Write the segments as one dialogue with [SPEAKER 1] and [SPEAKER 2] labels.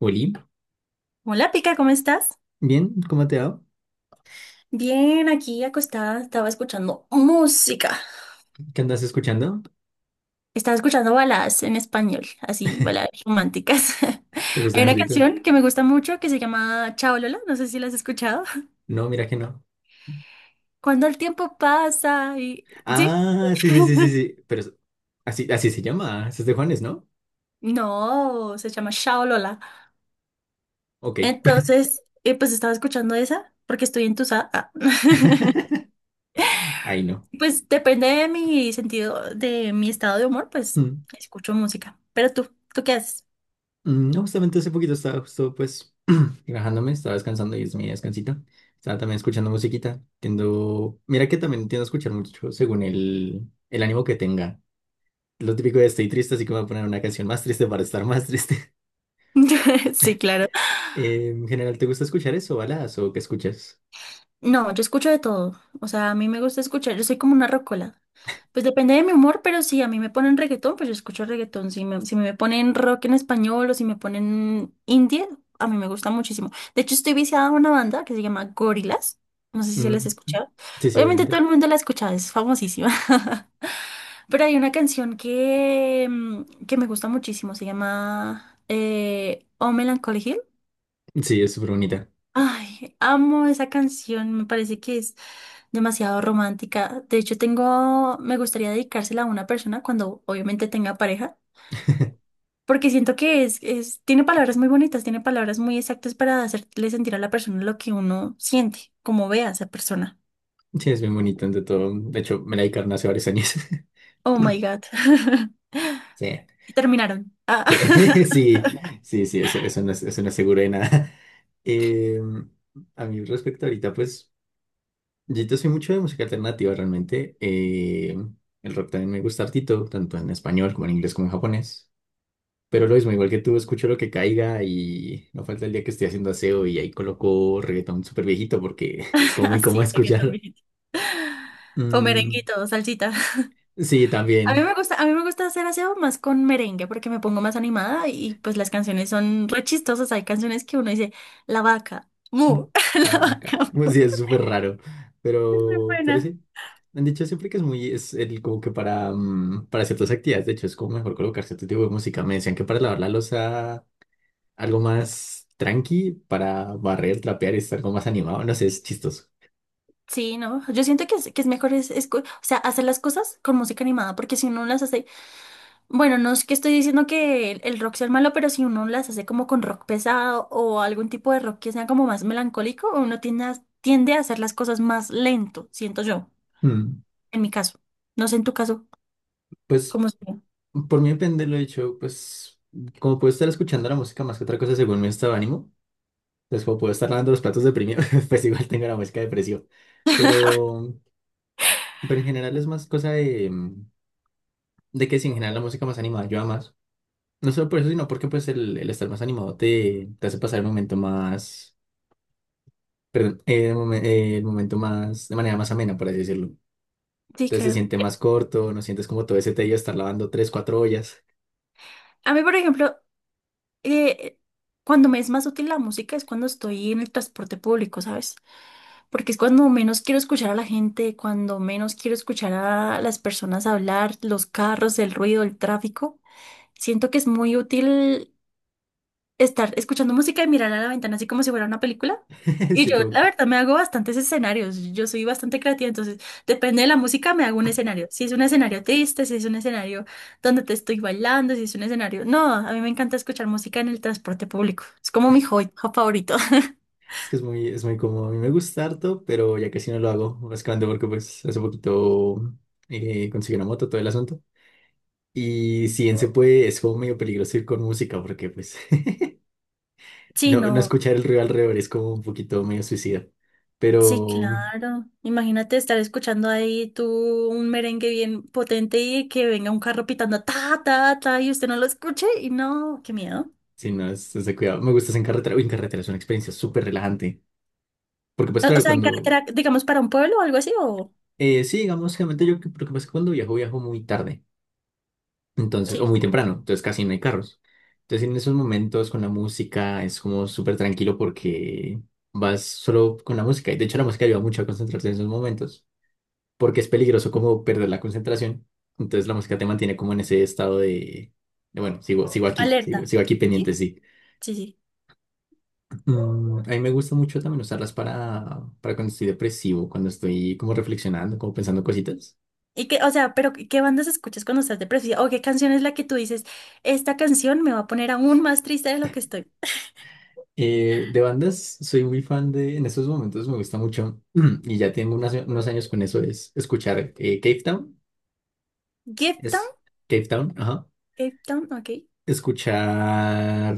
[SPEAKER 1] Oli,
[SPEAKER 2] Hola, Pica, ¿cómo estás?
[SPEAKER 1] bien, ¿cómo te va?
[SPEAKER 2] Bien, aquí acostada, estaba escuchando música.
[SPEAKER 1] ¿Qué andas escuchando?
[SPEAKER 2] Estaba escuchando baladas en español, así, baladas románticas.
[SPEAKER 1] ¿Te
[SPEAKER 2] Hay
[SPEAKER 1] gustan
[SPEAKER 2] una
[SPEAKER 1] artistas?
[SPEAKER 2] canción que me gusta mucho que se llama Chao Lola, no sé si la has escuchado.
[SPEAKER 1] No, mira que no.
[SPEAKER 2] Cuando el tiempo pasa y ¿sí?
[SPEAKER 1] Ah, sí, sí, sí, sí, sí. Así, así se llama. Ese es de Juanes, ¿no?
[SPEAKER 2] No, se llama Chao Lola.
[SPEAKER 1] Ok.
[SPEAKER 2] Entonces, pues estaba escuchando esa porque estoy entusada. Ah.
[SPEAKER 1] Ahí no.
[SPEAKER 2] Pues depende de mi sentido, de mi estado de humor, pues
[SPEAKER 1] Mm,
[SPEAKER 2] escucho música. Pero ¿tú qué haces?
[SPEAKER 1] No, justamente hace poquito estaba justo pues relajándome, estaba descansando y es mi descansito. Estaba también escuchando musiquita. Mira que también tiendo a escuchar mucho según el ánimo que tenga. Lo típico de estoy triste, así que me voy a poner una canción más triste para estar más triste.
[SPEAKER 2] Sí, claro.
[SPEAKER 1] En general, ¿te gusta escuchar eso, baladas o qué escuchas?
[SPEAKER 2] No, yo escucho de todo. O sea, a mí me gusta escuchar, yo soy como una rocola. Pues depende de mi humor, pero si a mí me ponen reggaetón, pues yo escucho reggaetón. Si me ponen rock en español o si me ponen indie, a mí me gusta muchísimo. De hecho, estoy viciada a una banda que se llama Gorillaz. No sé si se las
[SPEAKER 1] Mm,
[SPEAKER 2] ha escuchado.
[SPEAKER 1] sí, sí,
[SPEAKER 2] Obviamente todo
[SPEAKER 1] obviamente.
[SPEAKER 2] el mundo la ha escuchado, es famosísima. Pero hay una canción que me gusta muchísimo, se llama Oh Melancholy Hill.
[SPEAKER 1] Sí, es súper bonita.
[SPEAKER 2] Ay, amo esa canción, me parece que es demasiado romántica. De hecho, me gustaría dedicársela a una persona cuando obviamente tenga pareja, porque siento que tiene palabras muy bonitas, tiene palabras muy exactas para hacerle sentir a la persona lo que uno siente, como ve a esa persona.
[SPEAKER 1] Sí, es bien bonita, entre todo. De hecho, me la dedicaron hace varios años.
[SPEAKER 2] Oh my God.
[SPEAKER 1] Sí,
[SPEAKER 2] Y terminaron. Ah,
[SPEAKER 1] sí, sí, sí, sí, eso, eso no es seguro de nada. Eh, a mí respecto ahorita, pues, yo te soy mucho de música alternativa realmente. El rock también me gusta hartito, tanto en español como en inglés como en japonés. Pero lo mismo, igual que tú, escucho lo que caiga y no falta el día que estoy haciendo aseo y ahí coloco reggaetón súper viejito porque es como muy cómodo
[SPEAKER 2] así, reggaetón
[SPEAKER 1] escuchar.
[SPEAKER 2] viejito. O
[SPEAKER 1] Mm,
[SPEAKER 2] merenguito, o salsita.
[SPEAKER 1] sí,
[SPEAKER 2] A mí
[SPEAKER 1] también.
[SPEAKER 2] me gusta, a mí me gusta hacer aseo más con merengue porque me pongo más animada y pues las canciones son re chistosas. Hay canciones que uno dice, la vaca, mu,
[SPEAKER 1] La
[SPEAKER 2] la
[SPEAKER 1] vaca.
[SPEAKER 2] vaca,
[SPEAKER 1] Bueno,
[SPEAKER 2] mu.
[SPEAKER 1] sí, es súper raro.
[SPEAKER 2] Es muy
[SPEAKER 1] Pero
[SPEAKER 2] buena.
[SPEAKER 1] sí. Me han dicho siempre que es muy, es el, como que para, para ciertas actividades, de hecho, es como mejor colocar cierto tipo de música. Me decían que para lavar la losa algo más tranqui, para barrer, trapear y estar algo más animado. No sé, es chistoso.
[SPEAKER 2] Sí, no, yo siento que es mejor o sea, hacer las cosas con música animada porque si uno las hace, bueno, no es que estoy diciendo que el rock sea el malo, pero si uno las hace como con rock pesado o algún tipo de rock que sea como más melancólico, uno tiende a hacer las cosas más lento, siento yo,
[SPEAKER 1] Mm.
[SPEAKER 2] en mi caso. No sé en tu caso,
[SPEAKER 1] Pues
[SPEAKER 2] ¿cómo sería?
[SPEAKER 1] por mí depende, lo he dicho, pues como puedo estar escuchando la música más que otra cosa según mi estado de ánimo, pues como puedo estar lavando los platos deprimido, pues igual tengo la música depresiva. Pero Pero en general es más cosa de, de que si en general la música más animada ayuda más. No solo por eso, sino porque pues el estar más animado te hace pasar el momento más, perdón, el momento más, de manera más amena, por así decirlo.
[SPEAKER 2] Sí,
[SPEAKER 1] Entonces se
[SPEAKER 2] claro.
[SPEAKER 1] siente más corto, no sientes como todo ese tedio de estar lavando tres, cuatro ollas.
[SPEAKER 2] A mí, por ejemplo, eh, cuando me es más útil la música es cuando estoy en el transporte público, ¿sabes? Porque es cuando menos quiero escuchar a la gente, cuando menos quiero escuchar a las personas hablar, los carros, el ruido, el tráfico. Siento que es muy útil estar escuchando música y mirar a la ventana así como si fuera una película. Y
[SPEAKER 1] Sí,
[SPEAKER 2] yo,
[SPEAKER 1] como
[SPEAKER 2] la verdad, me hago bastantes escenarios. Yo soy bastante creativa, entonces depende de la música, me hago un escenario. Si es un escenario triste, si es un escenario donde te estoy bailando, si es un escenario. No, a mí me encanta escuchar música en el transporte público. Es como mi hobby favorito.
[SPEAKER 1] que es muy cómodo. A mí me gusta harto, pero ya casi no lo hago, básicamente porque pues hace poquito conseguí una moto, todo el asunto. Y si bien se Wow puede, es como medio peligroso ir con música, porque pues
[SPEAKER 2] Sí,
[SPEAKER 1] no, no
[SPEAKER 2] no,
[SPEAKER 1] escuchar el ruido alrededor es como un poquito medio suicida.
[SPEAKER 2] sí,
[SPEAKER 1] Pero
[SPEAKER 2] claro. Imagínate estar escuchando ahí tú un merengue bien potente y que venga un carro pitando ta, ta, ta y usted no lo escuche y no, qué miedo.
[SPEAKER 1] si no, es de cuidado. Me gusta hacer en carretera. Uy, en carretera es una experiencia súper relajante. Porque pues
[SPEAKER 2] O o
[SPEAKER 1] claro,
[SPEAKER 2] sea, en
[SPEAKER 1] cuando...
[SPEAKER 2] carretera, digamos, para un pueblo o algo así, o
[SPEAKER 1] sí, digamos, generalmente yo, lo que pasa es que cuando viajo, viajo muy tarde. Entonces, o
[SPEAKER 2] sí,
[SPEAKER 1] muy temprano. Entonces casi no hay carros. Entonces en esos momentos con la música es como súper tranquilo porque vas solo con la música. Y de hecho la música ayuda mucho a concentrarse en esos momentos. Porque es peligroso como perder la concentración. Entonces la música te mantiene como en ese estado de, bueno, sigo aquí,
[SPEAKER 2] alerta.
[SPEAKER 1] sigo aquí
[SPEAKER 2] Sí,
[SPEAKER 1] pendiente, sí.
[SPEAKER 2] sí, sí.
[SPEAKER 1] A mí me gusta mucho también usarlas para cuando estoy depresivo, cuando estoy como reflexionando, como pensando cositas.
[SPEAKER 2] Y que, o sea, pero ¿qué bandas escuchas cuando estás depresiva? ¿O qué canción es la que tú dices, esta canción me va a poner aún más triste de lo que estoy?
[SPEAKER 1] De bandas, soy muy fan de, en estos momentos me gusta mucho, y ya tengo unos años con eso, es escuchar Cave Town,
[SPEAKER 2] Gift Town,
[SPEAKER 1] es Cave Town, ajá.
[SPEAKER 2] Gift Town, ok.
[SPEAKER 1] Escuchar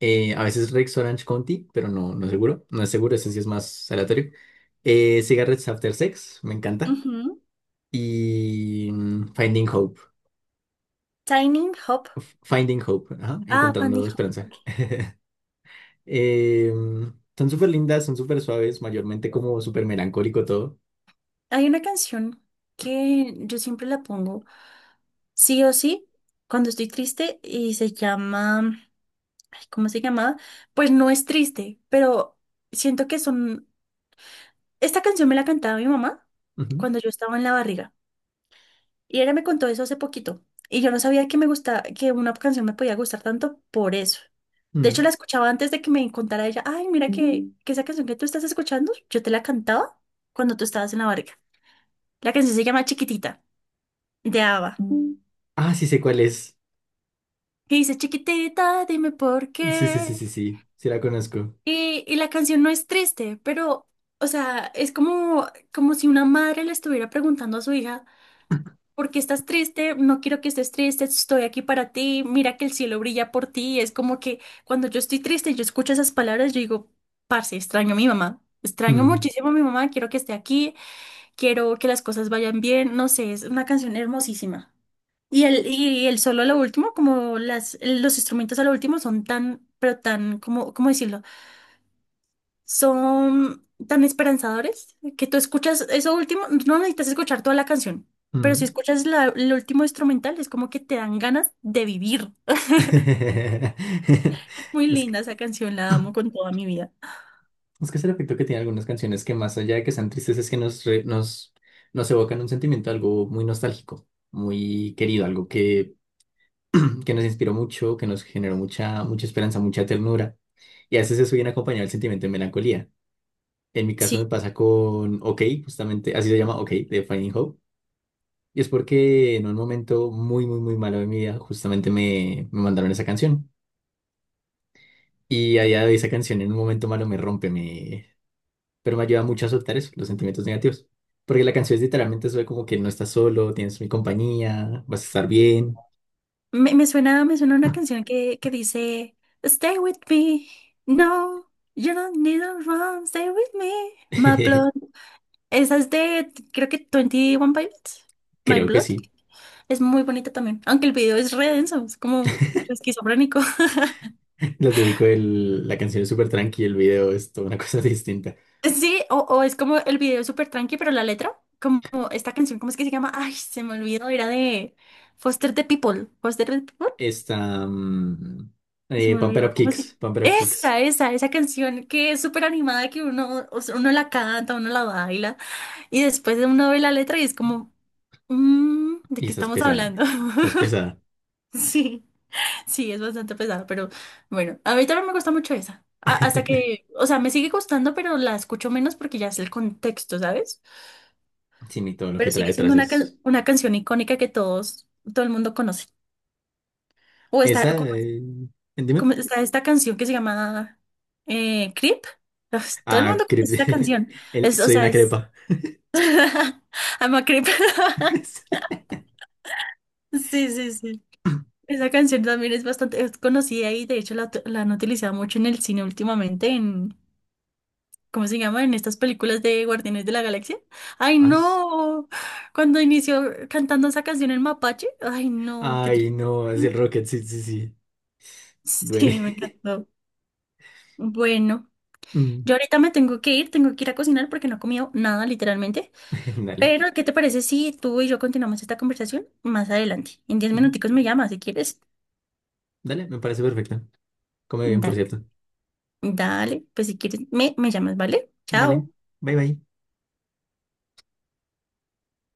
[SPEAKER 1] a veces Rex Orange County, pero no es seguro, no es seguro, ese sí es más aleatorio. Cigarettes After Sex, me encanta.
[SPEAKER 2] Ujú.
[SPEAKER 1] Y Finding Hope,
[SPEAKER 2] Tiny Hop.
[SPEAKER 1] Finding Hope, ajá,
[SPEAKER 2] Ah,
[SPEAKER 1] encontrando
[SPEAKER 2] Fanny Hop,
[SPEAKER 1] esperanza.
[SPEAKER 2] ok.
[SPEAKER 1] Eh, son súper lindas, son súper suaves, mayormente como súper melancólico todo.
[SPEAKER 2] Hay una canción que yo siempre la pongo, sí o sí, cuando estoy triste y se llama, ay, ¿cómo se llama? Pues no es triste, pero siento que son. Esta canción me la cantaba mi mamá cuando yo estaba en la barriga y ella me contó eso hace poquito y yo no sabía que me gustaba, que una canción me podía gustar tanto por eso.
[SPEAKER 1] Ujú.
[SPEAKER 2] De hecho,
[SPEAKER 1] Mm.
[SPEAKER 2] la escuchaba antes de que me contara ella, ay, mira que, Mm. que esa canción que tú estás escuchando, yo te la cantaba cuando tú estabas en la barriga. La canción se llama Chiquitita, de ABBA. Mm.
[SPEAKER 1] Ah, sí sé cuál es.
[SPEAKER 2] Y dice, chiquitita, dime por
[SPEAKER 1] Sí, sí, sí,
[SPEAKER 2] qué.
[SPEAKER 1] sí, sí, sí la conozco.
[SPEAKER 2] Y la canción no es triste, pero, o sea, es como si una madre le estuviera preguntando a su hija. ¿Porque estás triste? No quiero que estés triste, estoy aquí para ti, mira que el cielo brilla por ti. Es como que cuando yo estoy triste y yo escucho esas palabras, yo digo, parce, extraño a mi mamá, extraño
[SPEAKER 1] Mm,
[SPEAKER 2] muchísimo a mi mamá, quiero que esté aquí, quiero que las cosas vayan bien, no sé, es una canción hermosísima. Y el solo a lo último, como las, los instrumentos a lo último son tan, pero tan, como, ¿cómo decirlo? Son tan esperanzadores que tú escuchas eso último, no necesitas escuchar toda la canción, pero si
[SPEAKER 1] mm.
[SPEAKER 2] escuchas la, el último instrumental es como que te dan ganas de vivir. Es muy
[SPEAKER 1] Es que
[SPEAKER 2] linda esa canción, la amo con toda mi vida.
[SPEAKER 1] es que es el efecto que tiene algunas canciones que más allá de que sean tristes es que nos evocan un sentimiento, algo muy nostálgico, muy querido, algo que nos inspiró mucho, que nos generó mucha, mucha esperanza, mucha ternura. Y a veces eso viene acompañado del sentimiento de melancolía. En mi caso me
[SPEAKER 2] Sí,
[SPEAKER 1] pasa con OK, justamente, así se llama OK, de Finding Hope. Y es porque en un momento muy, muy, muy malo de mi vida, justamente me mandaron esa canción. Y allá de esa canción en un momento malo me rompe, pero me ayuda mucho a soltar eso, los sentimientos negativos. Porque la canción es literalmente sobre como que no estás solo, tienes mi compañía, vas a estar bien.
[SPEAKER 2] me suena una canción que dice, stay with me, no, you don't need to run, stay with me, my blood. Esa es de, creo que twenty one Pilots, My
[SPEAKER 1] Creo que
[SPEAKER 2] Blood.
[SPEAKER 1] sí.
[SPEAKER 2] Es muy bonita también, aunque el video es re denso, es como re esquizofrénico.
[SPEAKER 1] Lo típico el la canción es súper tranqui, el video es toda una cosa distinta.
[SPEAKER 2] Sí, o es como el video es súper tranqui, pero la letra, como esta canción, ¿cómo es que se llama? Ay, se me olvidó, era de Foster the People. Foster the People,
[SPEAKER 1] Esta,
[SPEAKER 2] se me
[SPEAKER 1] Pump It
[SPEAKER 2] olvidó,
[SPEAKER 1] Up
[SPEAKER 2] ¿cómo se
[SPEAKER 1] Kicks, Pump It Up Kicks.
[SPEAKER 2] Esa canción que es súper animada, que uno, o sea, uno la canta, uno la baila, y después uno ve la letra y es como, "Mm, ¿de
[SPEAKER 1] Y
[SPEAKER 2] qué
[SPEAKER 1] esa es
[SPEAKER 2] estamos
[SPEAKER 1] pesada,
[SPEAKER 2] hablando?
[SPEAKER 1] esa es pesada.
[SPEAKER 2] Sí, sí, es bastante pesado, pero bueno, a mí también me gusta mucho esa. Hasta que, o sea, me sigue gustando, pero la escucho menos porque ya es el contexto, ¿sabes?
[SPEAKER 1] Sí, mi, todo lo que
[SPEAKER 2] Pero
[SPEAKER 1] trae
[SPEAKER 2] sigue siendo
[SPEAKER 1] detrás
[SPEAKER 2] una,
[SPEAKER 1] es...
[SPEAKER 2] can- una canción icónica que todos, todo el mundo conoce. O está,
[SPEAKER 1] Esa,
[SPEAKER 2] como-
[SPEAKER 1] dime.
[SPEAKER 2] como está esta canción que se llama Creep. Pues, todo el
[SPEAKER 1] Ah,
[SPEAKER 2] mundo conoce esta canción.
[SPEAKER 1] el,
[SPEAKER 2] Es, o
[SPEAKER 1] soy
[SPEAKER 2] sea,
[SPEAKER 1] una
[SPEAKER 2] es
[SPEAKER 1] crepa.
[SPEAKER 2] I'm a Creep.
[SPEAKER 1] Sí.
[SPEAKER 2] Sí, sí, sí. Esa canción también es bastante es conocida y de hecho la han utilizado mucho en el cine últimamente, en, ¿cómo se llama? En estas películas de Guardianes de la Galaxia. ¡Ay,
[SPEAKER 1] Ah,
[SPEAKER 2] no! Cuando inició cantando esa canción en Mapache, ¡ay, no! ¡Qué
[SPEAKER 1] ay,
[SPEAKER 2] triste!
[SPEAKER 1] no, es el Rocket, sí, sí, sí. Duele.
[SPEAKER 2] Sí, me encantó. Bueno,
[SPEAKER 1] Mm,
[SPEAKER 2] yo ahorita me tengo que ir a cocinar porque no he comido nada, literalmente.
[SPEAKER 1] dale.
[SPEAKER 2] Pero, ¿qué te parece si tú y yo continuamos esta conversación más adelante? En diez
[SPEAKER 1] Mm,
[SPEAKER 2] minuticos me llamas si quieres.
[SPEAKER 1] dale, me parece perfecto. Come bien, por
[SPEAKER 2] Dale,
[SPEAKER 1] cierto.
[SPEAKER 2] dale, pues si quieres me llamas, ¿vale? Chao.
[SPEAKER 1] Vale, bye bye.